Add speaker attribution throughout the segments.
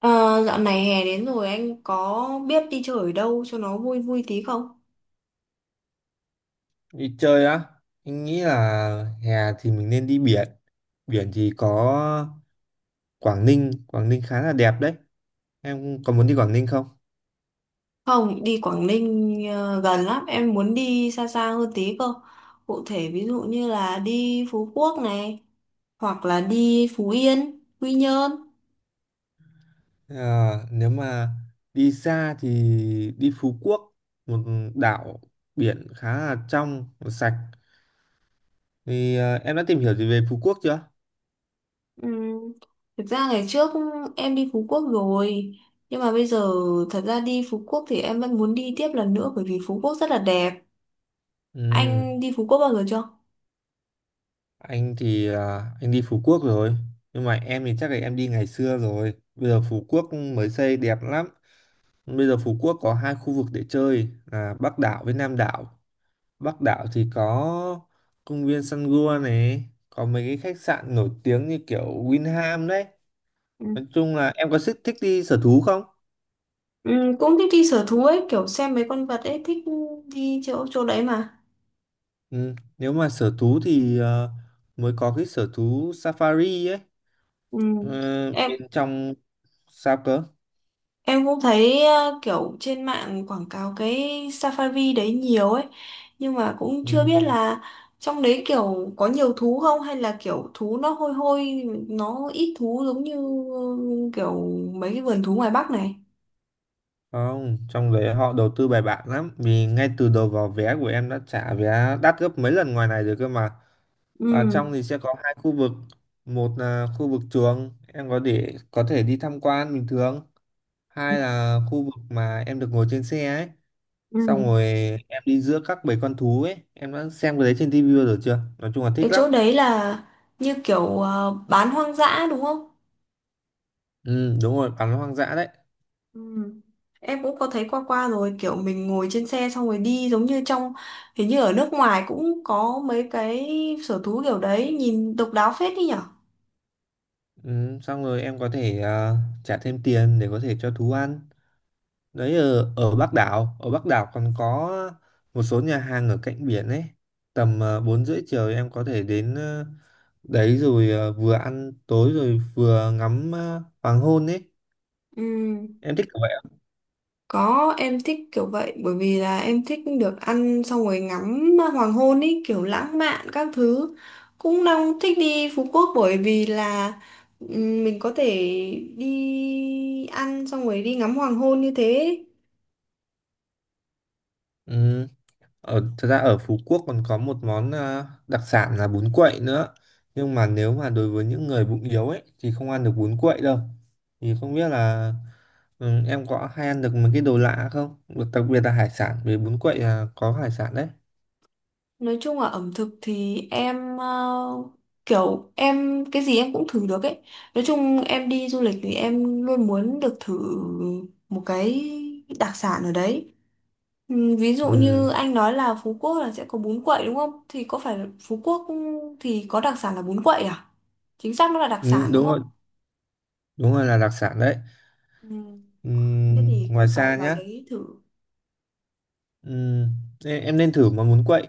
Speaker 1: Ờ, dạo này hè đến rồi anh có biết đi chơi ở đâu cho nó vui vui tí không?
Speaker 2: Đi chơi á, anh nghĩ là hè thì mình nên đi biển. Biển thì có Quảng Ninh, Quảng Ninh khá là đẹp đấy. Em có muốn đi Quảng Ninh không?
Speaker 1: Không, đi Quảng Ninh gần lắm, em muốn đi xa xa hơn tí cơ. Cụ thể ví dụ như là đi Phú Quốc này, hoặc là đi Phú Yên, Quy Nhơn.
Speaker 2: À, nếu mà đi xa thì đi Phú Quốc, một đảo biển khá là trong, sạch. Thì em đã tìm hiểu gì về Phú Quốc chưa?
Speaker 1: Ừm, Thực ra ngày trước em đi Phú Quốc rồi, nhưng mà bây giờ thật ra đi Phú Quốc thì em vẫn muốn đi tiếp lần nữa bởi vì Phú Quốc rất là đẹp.
Speaker 2: Ừ,
Speaker 1: Anh đi Phú Quốc bao giờ chưa?
Speaker 2: anh thì anh đi Phú Quốc rồi, nhưng mà em thì chắc là em đi ngày xưa rồi. Bây giờ Phú Quốc mới xây đẹp lắm. Bây giờ Phú Quốc có hai khu vực để chơi là Bắc đảo với Nam đảo. Bắc đảo thì có công viên Sun Gua này, có mấy cái khách sạn nổi tiếng như kiểu Winham đấy. Nói chung là em có thích thích đi sở thú không?
Speaker 1: Ừ, cũng thích đi sở thú ấy, kiểu xem mấy con vật ấy, thích đi chỗ chỗ đấy mà.
Speaker 2: Ừ. Nếu mà sở thú thì mới có cái sở thú Safari ấy.
Speaker 1: Ừ.
Speaker 2: Ờ,
Speaker 1: Em
Speaker 2: bên trong sao cơ?
Speaker 1: cũng thấy kiểu trên mạng quảng cáo cái Safari đấy nhiều ấy, nhưng mà cũng
Speaker 2: Ừ.
Speaker 1: chưa biết là trong đấy kiểu có nhiều thú không, hay là kiểu thú nó hôi hôi, nó ít thú, giống như ừ, kiểu mấy cái vườn thú ngoài Bắc này.
Speaker 2: Không, trong đấy họ đầu tư bài bản lắm vì ngay từ đầu vào vé của em đã trả vé đắt gấp mấy lần ngoài này rồi cơ mà.
Speaker 1: Ừ.
Speaker 2: Ở trong thì sẽ có hai khu vực, một là khu vực trường em có để có thể đi tham quan bình thường, hai là khu vực mà em được ngồi trên xe ấy.
Speaker 1: Ừ.
Speaker 2: Xong rồi em đi giữa các bầy con thú ấy, em đã xem cái đấy trên tivi bao giờ chưa? Nói chung là
Speaker 1: Cái
Speaker 2: thích lắm.
Speaker 1: chỗ đấy là như kiểu bán hoang dã đúng không?
Speaker 2: Ừ, đúng rồi, bắn hoang dã đấy.
Speaker 1: Ừ. Em cũng có thấy qua qua rồi, kiểu mình ngồi trên xe xong rồi đi giống như trong, hình như ở nước ngoài cũng có mấy cái sở thú kiểu đấy, nhìn độc đáo phết đi nhở.
Speaker 2: Ừ, xong rồi em có thể trả thêm tiền để có thể cho thú ăn. Đấy ở Bắc đảo còn có một số nhà hàng ở cạnh biển ấy, tầm bốn rưỡi chiều em có thể đến đấy rồi vừa ăn tối rồi vừa ngắm hoàng hôn ấy,
Speaker 1: Ừ.
Speaker 2: em thích kiểu vậy ạ.
Speaker 1: Có, em thích kiểu vậy bởi vì là em thích được ăn xong rồi ngắm hoàng hôn ý, kiểu lãng mạn các thứ, cũng đang thích đi Phú Quốc bởi vì là ừ, mình có thể đi ăn xong rồi đi ngắm hoàng hôn như thế.
Speaker 2: Ừ. Ở thật ra ở Phú Quốc còn có một món đặc sản là bún quậy nữa, nhưng mà nếu mà đối với những người bụng yếu ấy thì không ăn được bún quậy đâu. Thì không biết là ừ, em có hay ăn được mấy cái đồ lạ không, đặc biệt là hải sản vì bún quậy là có hải sản đấy.
Speaker 1: Nói chung là ẩm thực thì em kiểu em cái gì em cũng thử được ấy. Nói chung em đi du lịch thì em luôn muốn được thử một cái đặc sản ở đấy. Ừ, ví dụ
Speaker 2: Ừ.
Speaker 1: như anh nói là Phú Quốc là sẽ có bún quậy đúng không? Thì có phải là Phú Quốc thì có đặc sản là bún quậy à? Chính xác nó là đặc
Speaker 2: Ừ,
Speaker 1: sản đúng không?
Speaker 2: đúng rồi là đặc sản đấy.
Speaker 1: Ừ.
Speaker 2: Ừ,
Speaker 1: Thế thì
Speaker 2: ngoài
Speaker 1: cũng phải
Speaker 2: xa
Speaker 1: vào
Speaker 2: nhá.
Speaker 1: đấy thử.
Speaker 2: Ừ, ê, em nên thử mà muốn quậy.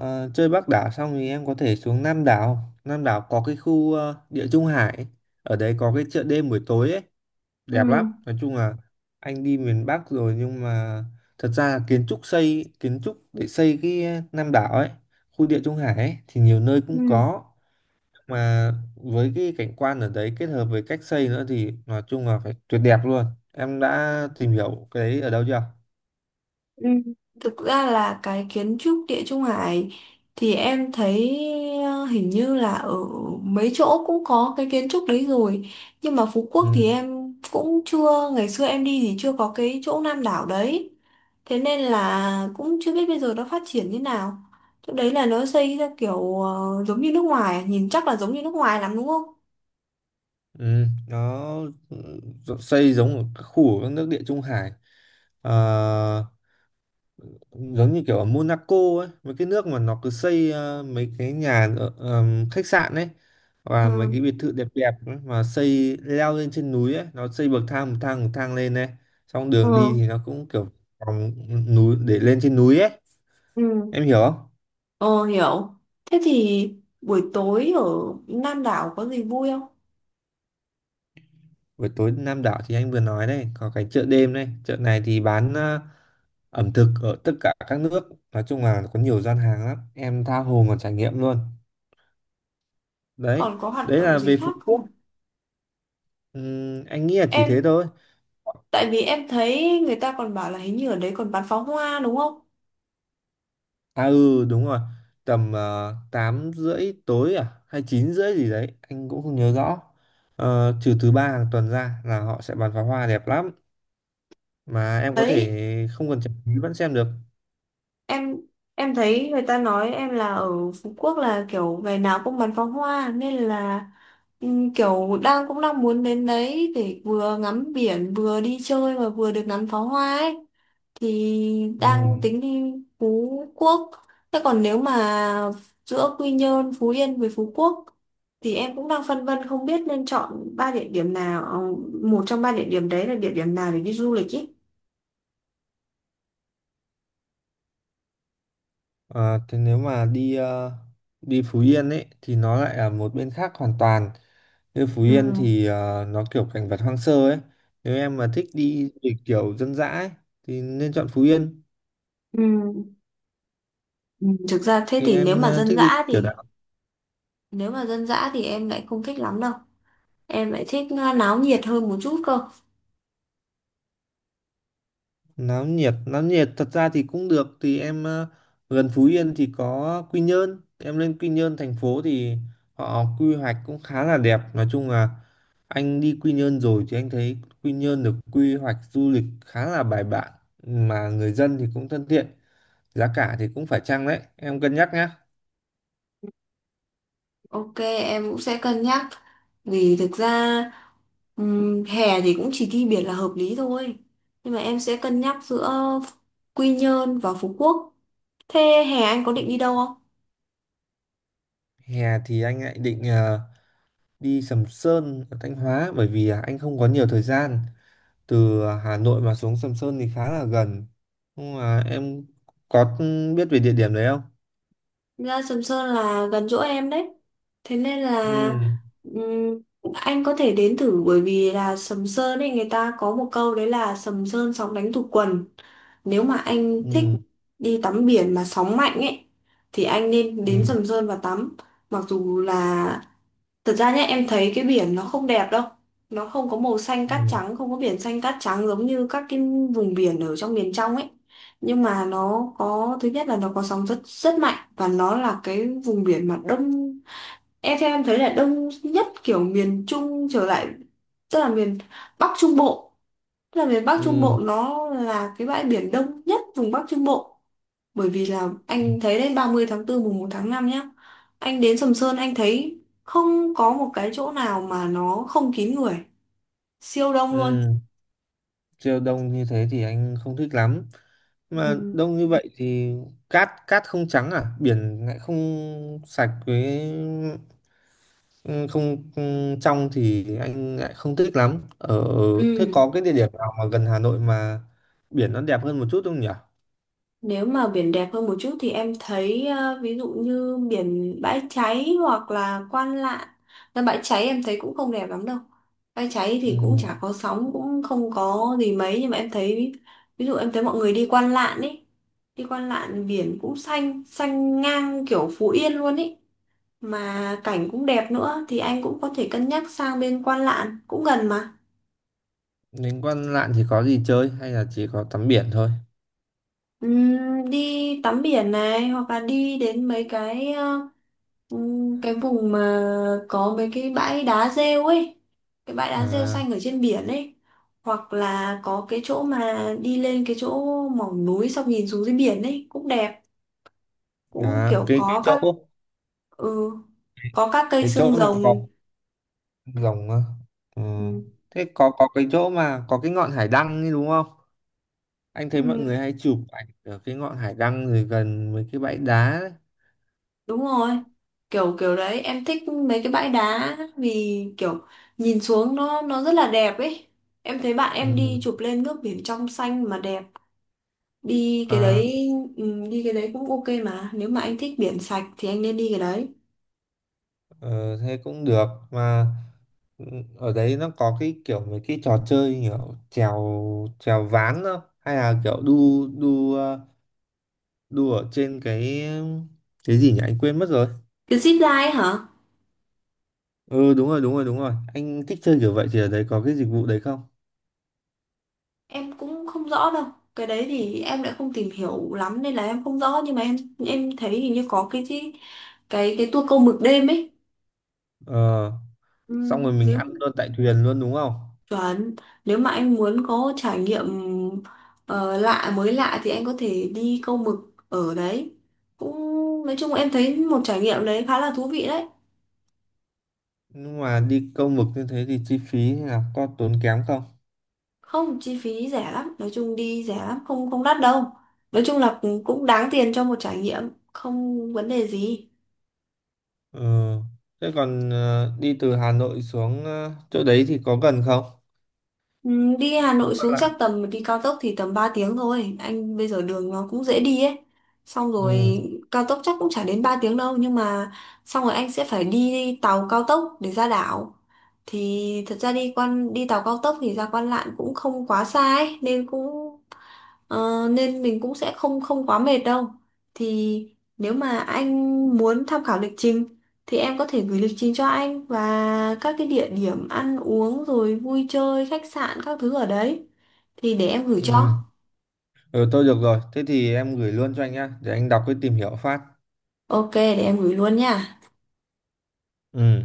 Speaker 2: Ờ, chơi Bắc đảo xong thì em có thể xuống Nam đảo. Nam đảo có cái khu Địa Trung Hải, ở đấy có cái chợ đêm buổi tối ấy,
Speaker 1: Ừ.
Speaker 2: đẹp lắm. Nói chung là anh đi miền Bắc rồi nhưng mà thật ra là kiến trúc xây kiến trúc để xây cái Nam đảo ấy, khu Địa Trung Hải ấy, thì nhiều nơi cũng
Speaker 1: Ừ.
Speaker 2: có, mà với cái cảnh quan ở đấy kết hợp với cách xây nữa thì nói chung là phải tuyệt đẹp luôn. Em đã tìm hiểu cái đấy ở đâu chưa?
Speaker 1: Ừ, thực ra là cái kiến trúc Địa Trung Hải thì em thấy hình như là ở mấy chỗ cũng có cái kiến trúc đấy rồi, nhưng mà Phú Quốc thì
Speaker 2: Ừ.
Speaker 1: em cũng chưa, ngày xưa em đi thì chưa có cái chỗ Nam đảo đấy, thế nên là cũng chưa biết bây giờ nó phát triển như nào. Chỗ đấy là nó xây ra kiểu giống như nước ngoài, nhìn chắc là giống như nước ngoài lắm đúng không?
Speaker 2: Ừ. Nó ừ, xây giống ở các khu ở các nước địa Trung Hải. Ờ, giống như kiểu ở Monaco ấy, mấy cái nước mà nó cứ xây mấy cái nhà ở, khách sạn ấy, và mấy
Speaker 1: Ừ.
Speaker 2: cái biệt thự đẹp đẹp ấy, mà xây leo lên trên núi ấy, nó xây bậc thang bậc thang bậc thang lên này, xong đường đi
Speaker 1: Ừ.
Speaker 2: thì nó cũng kiểu vòng núi để lên trên núi ấy.
Speaker 1: Ừ.
Speaker 2: Em hiểu không?
Speaker 1: Ờ hiểu, thế thì buổi tối ở Nam đảo có gì vui không?
Speaker 2: Buổi tối Nam đảo thì anh vừa nói đây, có cái chợ đêm đây, chợ này thì bán ẩm thực ở tất cả các nước, nói chung là có nhiều gian hàng lắm, em tha hồ mà trải nghiệm luôn. Đấy,
Speaker 1: Còn có hoạt
Speaker 2: đấy
Speaker 1: động
Speaker 2: là
Speaker 1: gì
Speaker 2: về Phú
Speaker 1: khác không?
Speaker 2: Quốc. Anh nghĩ là chỉ thế
Speaker 1: Em,
Speaker 2: thôi.
Speaker 1: tại vì em thấy người ta còn bảo là hình như ở đấy còn bắn pháo hoa đúng không?
Speaker 2: À ừ, đúng rồi, tầm 8 rưỡi tối à, hay 9 rưỡi gì đấy, anh cũng không nhớ rõ. Ờ, trừ thứ ba hàng tuần ra là họ sẽ bắn pháo hoa đẹp lắm, mà em có
Speaker 1: Đấy,
Speaker 2: thể không cần trả phí vẫn xem được.
Speaker 1: em thấy người ta nói em là ở Phú Quốc là kiểu ngày nào cũng bắn pháo hoa, nên là kiểu đang cũng đang muốn đến đấy để vừa ngắm biển vừa đi chơi và vừa được ngắm pháo hoa ấy, thì
Speaker 2: Ừ.
Speaker 1: đang tính đi Phú Quốc. Thế còn nếu mà giữa Quy Nhơn, Phú Yên với Phú Quốc thì em cũng đang phân vân không biết nên chọn ba địa điểm nào, một trong ba địa điểm đấy là địa điểm nào để đi du lịch ý.
Speaker 2: À, thế nếu mà đi đi Phú Yên ấy thì nó lại là một bên khác hoàn toàn. Như Phú
Speaker 1: Ừ.
Speaker 2: Yên thì nó kiểu cảnh vật hoang sơ ấy. Nếu em mà thích đi du lịch kiểu dân dã ấy thì nên chọn Phú Yên.
Speaker 1: Ừ. Ừ. Thực ra thế
Speaker 2: Thì
Speaker 1: thì nếu
Speaker 2: em
Speaker 1: mà dân
Speaker 2: thích đi
Speaker 1: dã
Speaker 2: kiểu
Speaker 1: thì em lại không thích lắm đâu. Em lại thích náo nhiệt hơn một chút cơ.
Speaker 2: náo nhiệt, náo nhiệt thật ra thì cũng được. Thì em gần Phú Yên thì có Quy Nhơn, em lên Quy Nhơn thành phố thì họ quy hoạch cũng khá là đẹp. Nói chung là anh đi Quy Nhơn rồi thì anh thấy Quy Nhơn được quy hoạch du lịch khá là bài bản, mà người dân thì cũng thân thiện, giá cả thì cũng phải chăng đấy, em cân nhắc nhá.
Speaker 1: Ok, em cũng sẽ cân nhắc. Vì thực ra hè thì cũng chỉ đi biển là hợp lý thôi. Nhưng mà em sẽ cân nhắc giữa Quy Nhơn và Phú Quốc. Thế hè anh có định đi đâu?
Speaker 2: Hè thì anh lại định đi Sầm Sơn ở Thanh Hóa, bởi vì anh không có nhiều thời gian, từ Hà Nội mà xuống Sầm Sơn thì khá là gần, nhưng mà em có biết về địa điểm đấy không?
Speaker 1: Ra Sầm Sơn là gần chỗ em đấy, thế nên là
Speaker 2: Ừ.
Speaker 1: ừm, anh có thể đến thử bởi vì là Sầm Sơn ấy người ta có một câu đấy là Sầm Sơn sóng đánh tụt quần. Nếu mà anh thích
Speaker 2: Ừ.
Speaker 1: đi tắm biển mà sóng mạnh ấy thì anh nên đến
Speaker 2: Ừ.
Speaker 1: Sầm Sơn và tắm. Mặc dù là, thật ra nhá, em thấy cái biển nó không đẹp đâu. Nó không có màu xanh cát
Speaker 2: Ừ.
Speaker 1: trắng, không có biển xanh cát trắng giống như các cái vùng biển ở trong miền trong ấy. Nhưng mà nó có, thứ nhất là nó có sóng rất rất mạnh, và nó là cái vùng biển mà đông. Em theo em thấy là đông nhất kiểu miền Trung trở lại, tức là miền Bắc Trung Bộ, tức là miền Bắc Trung
Speaker 2: Ừ.
Speaker 1: Bộ nó là cái bãi biển đông nhất vùng Bắc Trung Bộ, bởi vì là anh thấy đấy, 30 tháng 4 mùng một tháng 5 nhá. Anh đến Sầm Sơn anh thấy không có một cái chỗ nào mà nó không kín người. Siêu đông luôn.
Speaker 2: Ừ. Siêu đông như thế thì anh không thích lắm, mà
Speaker 1: Ừ.
Speaker 2: đông như vậy thì cát cát không trắng à, biển lại không sạch với ừ, không ừ, trong thì anh lại không thích lắm. Ở thế
Speaker 1: Ừ.
Speaker 2: có cái địa điểm nào mà gần Hà Nội mà biển nó đẹp hơn một chút không nhỉ?
Speaker 1: Nếu mà biển đẹp hơn một chút thì em thấy ví dụ như biển Bãi Cháy hoặc là Quan Lạn. Là Bãi Cháy em thấy cũng không đẹp lắm đâu. Bãi Cháy thì cũng chả
Speaker 2: Ừ.
Speaker 1: có sóng, cũng không có gì mấy, nhưng mà em thấy ví dụ em thấy mọi người đi Quan Lạn ấy. Đi Quan Lạn biển cũng xanh, xanh ngang kiểu Phú Yên luôn ấy, mà cảnh cũng đẹp nữa, thì anh cũng có thể cân nhắc sang bên Quan Lạn cũng gần mà.
Speaker 2: Đến Quan Lạn thì có gì chơi hay là chỉ có tắm biển thôi?
Speaker 1: Ừm, đi tắm biển này hoặc là đi đến mấy cái cái vùng mà có mấy cái bãi đá rêu ấy, cái bãi đá rêu
Speaker 2: À,
Speaker 1: xanh ở trên biển ấy, hoặc là có cái chỗ mà đi lên cái chỗ mỏm núi xong nhìn xuống dưới biển ấy cũng đẹp, cũng
Speaker 2: à
Speaker 1: kiểu có các ừ, có các cây
Speaker 2: cái
Speaker 1: xương
Speaker 2: chỗ mà có
Speaker 1: rồng.
Speaker 2: rồng á. Ừ.
Speaker 1: Ừ.
Speaker 2: Thế có cái chỗ mà có cái ngọn hải đăng ấy đúng không? Anh thấy mọi
Speaker 1: Ừ.
Speaker 2: người hay chụp ảnh ở cái ngọn hải đăng rồi gần với cái bãi đá ấy.
Speaker 1: Đúng rồi, kiểu kiểu đấy em thích mấy cái bãi đá, vì kiểu nhìn xuống nó rất là đẹp ấy. Em thấy bạn em
Speaker 2: Ừ.
Speaker 1: đi chụp lên nước biển trong xanh mà đẹp. Đi cái
Speaker 2: À,
Speaker 1: đấy ừ, đi cái đấy cũng ok mà. Nếu mà anh thích biển sạch thì anh nên đi cái đấy.
Speaker 2: ờ, thế cũng được mà ừ, ở đấy nó có cái kiểu mấy cái trò chơi kiểu trèo trèo ván không? Hay là kiểu đu đu đu ở trên cái gì nhỉ? Anh quên mất rồi.
Speaker 1: Cái zip line hả?
Speaker 2: Ừ đúng rồi đúng rồi đúng rồi, anh thích chơi kiểu vậy thì ở đấy có cái dịch vụ đấy không?
Speaker 1: Em cũng không rõ đâu. Cái đấy thì em lại không tìm hiểu lắm nên là em không rõ, nhưng mà em thấy hình như có cái tour câu mực đêm ấy.
Speaker 2: Ờ.
Speaker 1: Ừ,
Speaker 2: Xong rồi mình
Speaker 1: nếu
Speaker 2: ăn luôn tại thuyền luôn đúng không?
Speaker 1: Chuẩn, nếu mà anh muốn có trải nghiệm ờ, lạ mới lạ thì anh có thể đi câu mực ở đấy. Cũng nói chung em thấy một trải nghiệm đấy khá là thú vị đấy.
Speaker 2: Nhưng mà đi câu mực như thế thì chi phí hay là có tốn kém không?
Speaker 1: Không, chi phí rẻ lắm, nói chung đi rẻ lắm, không không đắt đâu. Nói chung là cũng cũng đáng tiền cho một trải nghiệm, không vấn đề gì.
Speaker 2: Ừ. Thế còn đi từ Hà Nội xuống chỗ đấy thì có gần không?
Speaker 1: Ừ, đi Hà
Speaker 2: Không
Speaker 1: Nội
Speaker 2: có
Speaker 1: xuống
Speaker 2: lạ.
Speaker 1: chắc tầm đi cao tốc thì tầm 3 tiếng thôi. Anh bây giờ đường nó cũng dễ đi ấy. Xong
Speaker 2: Ừ.
Speaker 1: rồi cao tốc chắc cũng chả đến 3 tiếng đâu, nhưng mà xong rồi anh sẽ phải đi tàu cao tốc để ra đảo. Thì thật ra đi tàu cao tốc thì ra Quan Lạn cũng không quá xa ấy, nên cũng ờ, nên mình cũng sẽ không không quá mệt đâu. Thì nếu mà anh muốn tham khảo lịch trình thì em có thể gửi lịch trình cho anh và các cái địa điểm ăn uống rồi vui chơi, khách sạn các thứ ở đấy thì để em gửi
Speaker 2: Ừ.
Speaker 1: cho.
Speaker 2: Ừ tôi được rồi. Thế thì em gửi luôn cho anh nhá, để anh đọc cái tìm hiểu phát.
Speaker 1: Ok, để em gửi luôn nha.
Speaker 2: Ừ.